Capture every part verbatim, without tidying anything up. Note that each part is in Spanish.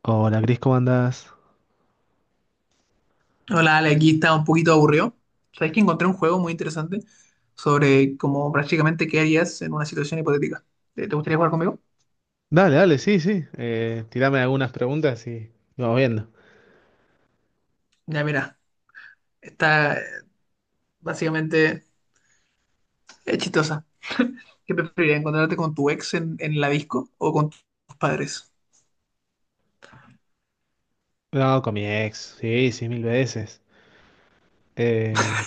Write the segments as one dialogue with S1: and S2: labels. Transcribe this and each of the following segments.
S1: Hola, Cris, ¿cómo andás?
S2: Hola, Ale, aquí estaba un poquito aburrido. Sabes que encontré un juego muy interesante sobre cómo prácticamente qué harías en una situación hipotética. ¿Te, te gustaría jugar conmigo?
S1: Dale, dale, sí, sí. Eh, tirame algunas preguntas y lo vamos viendo.
S2: Ya, mira, está eh, básicamente es chistosa. ¿Qué preferirías, encontrarte con tu ex en, en la disco o con tus padres?
S1: No, con mi ex, sí, sí, mil veces. Eh,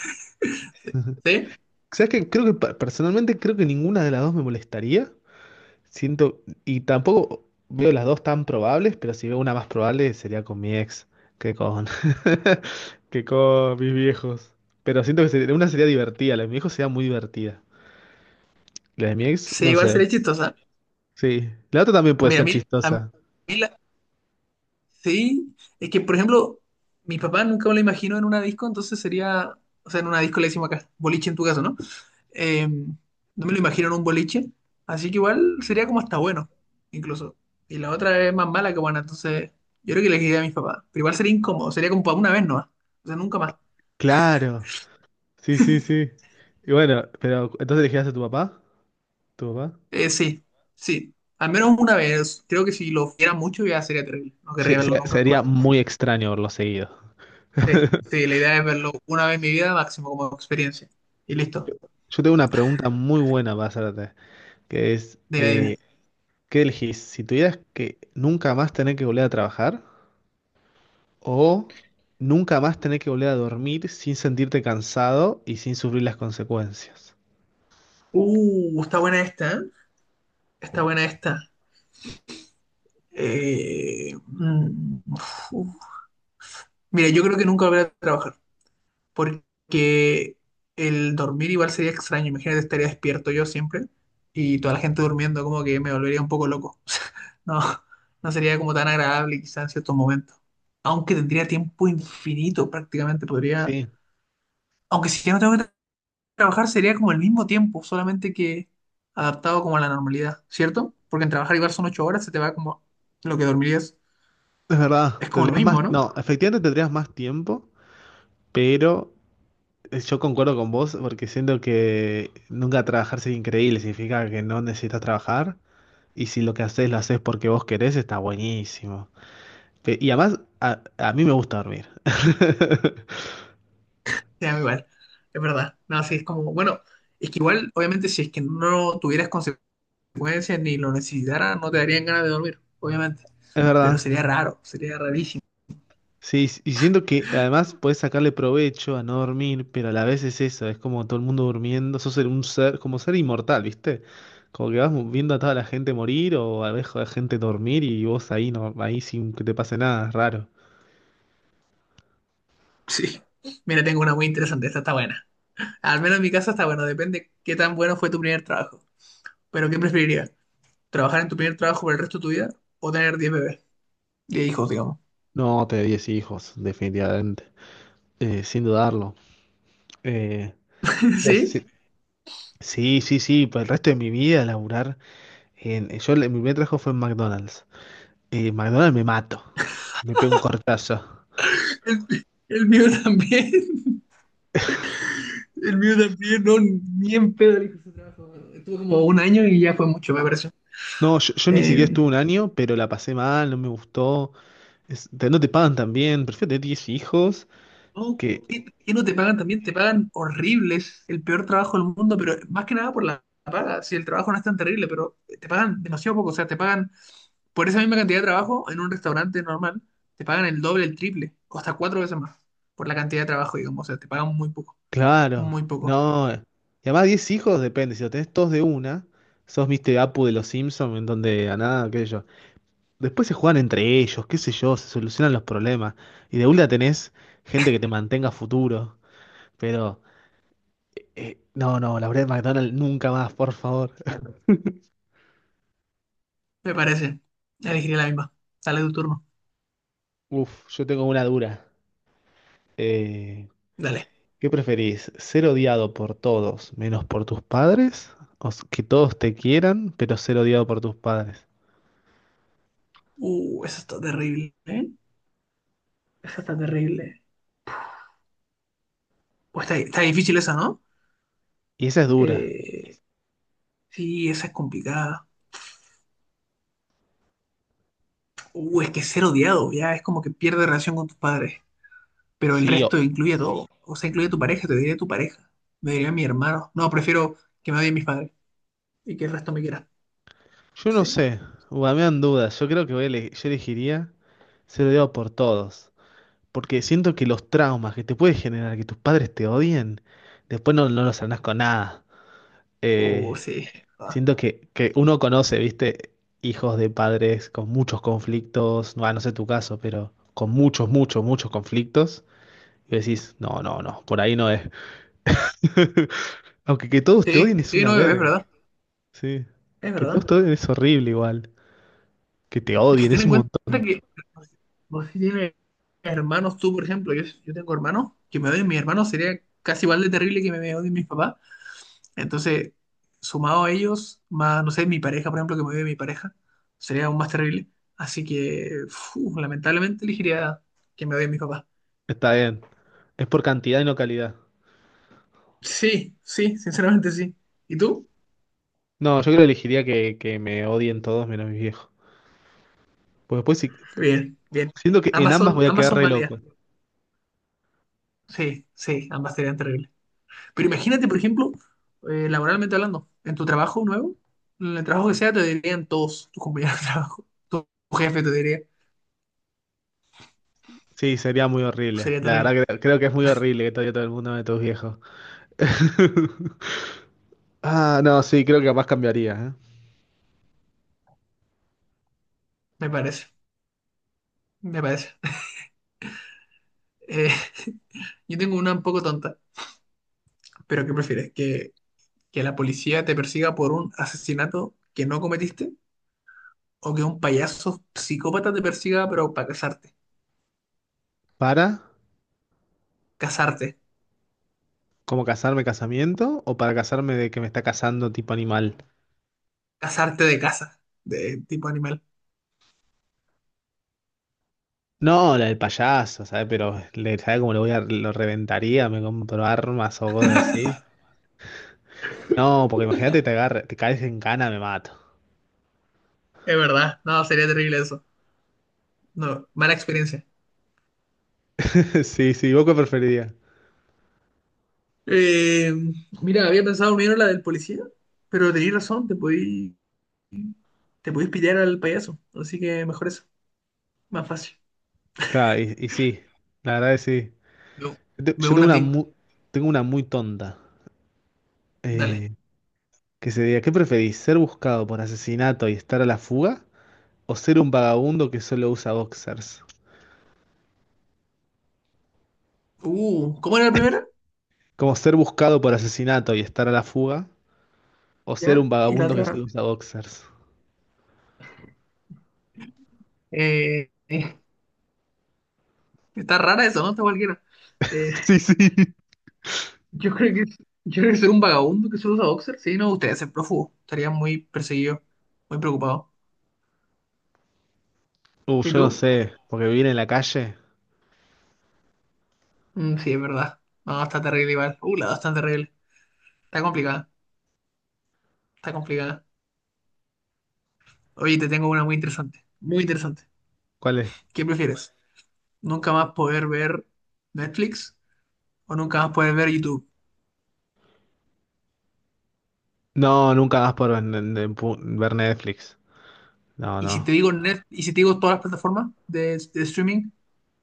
S2: ¿Sí?
S1: ¿Sabes qué? Creo que pa- personalmente creo que ninguna de las dos me molestaría. Siento, y tampoco veo las dos tan probables, pero si veo una más probable sería con mi ex que con, que con mis viejos. Pero siento que sería- una sería divertida, la de mi viejo sería muy divertida. La de mi ex,
S2: Sí,
S1: no
S2: igual
S1: sé.
S2: sería chistosa.
S1: Sí. La otra también puede
S2: Mira, a
S1: ser
S2: mí, a mí
S1: chistosa.
S2: la- sí, es que, por ejemplo, mi papá nunca me lo imagino en una disco, entonces sería, o sea, en una disco le decimos acá, boliche en tu caso, ¿no? Eh, no me lo imagino en un boliche, así que igual sería como hasta bueno, incluso. Y la otra es más mala que buena, entonces yo creo que le diría a mis papás, pero igual sería incómodo, sería como para una vez nomás, o sea, nunca más.
S1: Claro. Sí, sí, sí. Y bueno, pero entonces elegirías a tu papá, tu papá.
S2: Eh, sí, sí, al menos una vez, creo que si lo viera mucho ya sería terrible, no querría
S1: Se-
S2: verlo
S1: se-
S2: nunca
S1: sería
S2: más.
S1: muy extraño verlo seguido.
S2: Sí, sí, la idea es verlo una vez en mi vida máximo como experiencia. Y listo,
S1: Yo tengo una pregunta muy buena para hacerte, que es,
S2: dime, dime.
S1: eh, ¿qué elegís? Si tuvieras que nunca más tener que volver a trabajar o nunca más tener que volver a dormir sin sentirte cansado y sin sufrir las consecuencias.
S2: Uh, está buena esta, ¿eh? Está buena esta. Eh, mm, Uf. Mira, yo creo que nunca volveré a trabajar, porque el dormir igual sería extraño. Imagínate, estaría despierto yo siempre y toda la gente durmiendo, como que me volvería un poco loco. No, no sería como tan agradable quizás en ciertos momentos. Aunque tendría tiempo infinito prácticamente, podría...
S1: Sí,
S2: Aunque si ya no tengo que tra- trabajar sería como el mismo tiempo, solamente que adaptado como a la normalidad, ¿cierto? Porque en trabajar igual son ocho horas, se te va como lo que dormirías.
S1: es verdad.
S2: Es como lo
S1: Tendrías más,
S2: mismo, ¿no?
S1: no, efectivamente tendrías más tiempo, pero yo concuerdo con vos porque siento que nunca trabajar es increíble, significa que no necesitas trabajar y si lo que haces lo haces porque vos querés, está buenísimo. Pe- Y además, a, a mí me gusta dormir.
S2: Sí, a igual, es verdad. No, sí, es como, bueno, es que igual, obviamente, si es que no tuvieras consecuencias ni lo necesitaras, no te darían ganas de dormir, obviamente.
S1: Es
S2: Pero
S1: verdad.
S2: sería raro, sería rarísimo.
S1: Sí, y siento que además podés sacarle provecho a no dormir, pero a la vez es eso, es como todo el mundo durmiendo, sos el- un ser, como ser inmortal, ¿viste? Como que vas viendo a toda la gente morir o a la vez a la gente dormir y vos ahí no, ahí sin que te pase nada, es raro.
S2: Sí. Mira, tengo una muy interesante, esta está buena. Al menos en mi casa está bueno, depende qué tan bueno fue tu primer trabajo. Pero ¿qué preferirías? ¿Trabajar en tu primer trabajo por el resto de tu vida o tener diez bebés? Diez hijos, digamos.
S1: No, te diez hijos, definitivamente. Eh, sin dudarlo. Eh, Des-
S2: Sí,
S1: sí, sí, sí, sí, por el resto de mi vida laburar en... Yo, el- mi primer trabajo fue en McDonald's. Eh, McDonald's me mato. Me pego un cortazo.
S2: el, el mío también. El mío también, no, ni en pedo el hijo ese trabajo. Estuve como un año y ya fue mucho, me pareció.
S1: No, yo, yo ni
S2: Eh,
S1: siquiera estuve un año, pero la pasé mal, no me gustó. Es- te- no te pagan tan bien, prefiero tener diez hijos
S2: No,
S1: que.
S2: ¿qué, qué no te pagan también? Te pagan horribles, el peor trabajo del mundo, pero más que nada por la paga. Si el trabajo no es tan terrible, pero te pagan demasiado poco. O sea, te pagan por esa misma cantidad de trabajo en un restaurante normal, te pagan el doble, el triple, o hasta cuatro veces más por la cantidad de trabajo, digamos. O sea, te pagan muy poco,
S1: Claro,
S2: muy poco.
S1: no. Y además diez hijos depende, si lo tenés todos de una, sos mister Apu de los Simpsons, en donde a nada, qué sé yo. Después se juegan entre ellos, qué sé yo, se solucionan los problemas. Y de una tenés gente que te mantenga a futuro. Pero, eh, no, no, la verdad McDonald's nunca más, por favor.
S2: Me parece. Elegiría la misma. Dale tu turno.
S1: Uf, yo tengo una dura. Eh,
S2: Dale.
S1: ¿Qué preferís? ¿Ser odiado por todos menos por tus padres? ¿O s- que todos te quieran, pero ser odiado por tus padres?
S2: Uh, eso está terrible, ¿eh? Esa está terrible. Pues está, está difícil esa, ¿no?
S1: Y esa es dura.
S2: Eh, sí, esa es complicada. Uh, es que ser odiado, ya es como que pierde relación con tus padres. Pero el
S1: Sí,
S2: resto
S1: o-
S2: incluye a todo. O sea, incluye a tu pareja, te diría tu pareja. Me diría mi hermano. No, prefiero que me odien mis padres y que el resto me quiera.
S1: yo no
S2: Sí.
S1: sé. Ua, me dan dudas. Yo creo que voy a ele- yo elegiría ser odiado por todos. Porque siento que los traumas que te puede generar que tus padres te odien, después no, no los sanás con nada.
S2: Oh,
S1: Eh,
S2: sí. Ah,
S1: Siento que, que uno conoce, viste, hijos de padres con muchos conflictos, no, ah, no sé tu caso, pero con muchos, muchos, muchos conflictos. Y decís, no, no, no, por ahí no es. Aunque que todos te
S2: sí,
S1: odien es
S2: sí,
S1: una
S2: no, es
S1: verga,
S2: verdad.
S1: sí.
S2: Es
S1: Que todos
S2: verdad.
S1: te odien es horrible igual. Que te
S2: Es que
S1: odien
S2: ten
S1: es
S2: en
S1: un
S2: cuenta
S1: montón.
S2: que vos si tienes hermanos, tú, por ejemplo, yo, yo tengo hermanos, que me odien mis hermanos sería casi igual de terrible que me odien mis papás. Entonces, sumado a ellos, más, no sé, mi pareja, por ejemplo, que me vive mi pareja, sería aún más terrible. Así que, fu, lamentablemente, elegiría que me odien mis papás.
S1: Está bien. Es por cantidad y no calidad.
S2: Sí, sí, sinceramente sí. ¿Y tú?
S1: No, yo creo que elegiría que, que me odien todos menos mis viejos. Pues después sí-
S2: Bien, bien.
S1: siento que en
S2: Ambas
S1: ambas
S2: son,
S1: voy a
S2: ambas
S1: quedar
S2: son
S1: re
S2: válidas.
S1: loco.
S2: Sí, sí, ambas serían terribles. Pero imagínate, por ejemplo, eh, laboralmente hablando, en tu trabajo nuevo, en el trabajo que sea, te dirían todos tus compañeros de trabajo, tu jefe te diría,
S1: Sí, sería muy horrible.
S2: sería
S1: La
S2: terrible,
S1: verdad que creo que es muy horrible que todavía todo el mundo de tus viejos. Ah, no, sí, creo que capaz cambiaría, ¿eh?
S2: me parece, me parece. Eh, yo tengo una un poco tonta. ¿Pero qué prefieres? ¿Que, que la policía te persiga por un asesinato que no cometiste? ¿O que un payaso psicópata te persiga pero para casarte?
S1: ¿Para?
S2: Casarte.
S1: ¿Cómo casarme casamiento? ¿O para casarme de que me está casando tipo animal?
S2: Casarte de casa. De tipo animal.
S1: No, la del payaso, ¿sabes? Pero le, ¿sabes cómo lo voy a, lo reventaría? Me compro armas o cosas así. No, porque imagínate te agarre, te caes en cana, me mato.
S2: Es verdad. No, sería terrible eso. No, mala experiencia.
S1: Sí, sí, ¿vos qué preferirías?
S2: Eh, Mira, había pensado primero la del policía, pero tenías razón, te podí, te podís pillar al payaso. Así que mejor eso. Más fácil.
S1: Claro, y, y sí, la verdad es sí.
S2: Me,
S1: Yo te-
S2: me
S1: yo
S2: uno
S1: tengo
S2: a
S1: una
S2: ti.
S1: muy, tengo una muy tonta.
S2: Dale.
S1: eh, que sería, ¿qué preferís? ¿Ser buscado por asesinato y estar a la fuga? ¿O ser un vagabundo que solo usa boxers?
S2: Uh, ¿cómo era la primera?
S1: Como ser buscado por asesinato y estar a la fuga. ¿O ser un
S2: ¿Ya? Y la
S1: vagabundo que
S2: otra.
S1: solo usa boxers?
S2: Eh, Está rara eso, ¿no? Está cualquiera. Eh,
S1: Sí, sí.
S2: yo creo que, yo creo que ser un vagabundo que solo usa boxer, sí, no me gustaría ser prófugo. Estaría muy perseguido, muy preocupado.
S1: Uh,
S2: ¿Y
S1: yo no
S2: tú?
S1: sé, porque vivir en la calle,
S2: Mm, sí, es verdad. No, está terrible igual. Uh, la dos está terrible. Está complicada, está complicada. Oye, te tengo una muy interesante, muy interesante.
S1: ¿cuál es?
S2: ¿Qué prefieres? ¿Nunca más poder ver Netflix o nunca más poder ver YouTube?
S1: No, nunca más por ven- ver Netflix. No,
S2: Y si
S1: no.
S2: te digo net, y si te digo todas las plataformas de, de streaming,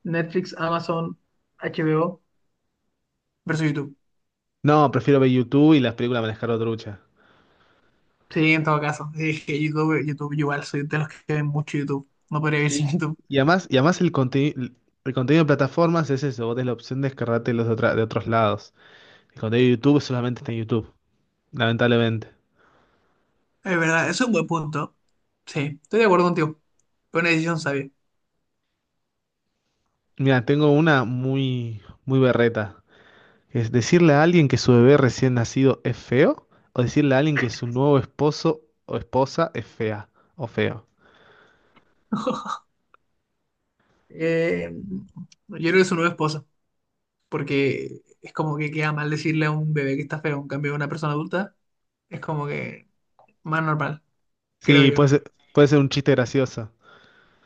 S2: Netflix, Amazon, H B O versus YouTube.
S1: No, prefiero ver YouTube y las películas manejar trucha.
S2: Sí, en todo caso. Sí, es que YouTube, YouTube, yo igual soy de los que ven mucho YouTube. No podría vivir sin
S1: Sí.
S2: YouTube.
S1: Y además, y además el contenido, el contenido de plataformas es eso, vos tenés la opción de descargártelos de, otra- de otros lados. El contenido de YouTube solamente está en YouTube, lamentablemente.
S2: Es verdad, eso es un buen punto. Sí, estoy de acuerdo contigo. Fue una decisión sabia.
S1: Mira, tengo una muy, muy berreta, que es decirle a alguien que su bebé recién nacido es feo, o decirle a alguien que su nuevo esposo o esposa es fea o feo.
S2: Eh, yo creo que su nueva esposa, porque es como que queda mal decirle a un bebé que está feo, en cambio a una persona adulta es como que más normal, creo
S1: Sí,
S2: yo.
S1: puede ser, puede ser un chiste gracioso.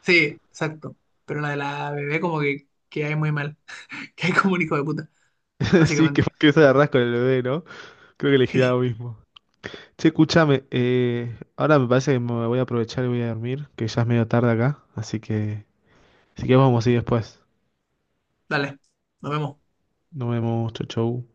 S2: Sí, exacto. Pero la de la bebé como que, que hay muy mal, que hay como un hijo de puta,
S1: Sí, que,
S2: básicamente.
S1: que se agarrás con el bebé, ¿no? Creo que elegirá lo mismo. Sí, escúchame, eh, ahora me parece que me voy a aprovechar y voy a dormir, que ya es medio tarde acá, así que si que vamos a ir después.
S2: Dale, nos vemos.
S1: Nos vemos, chau chau.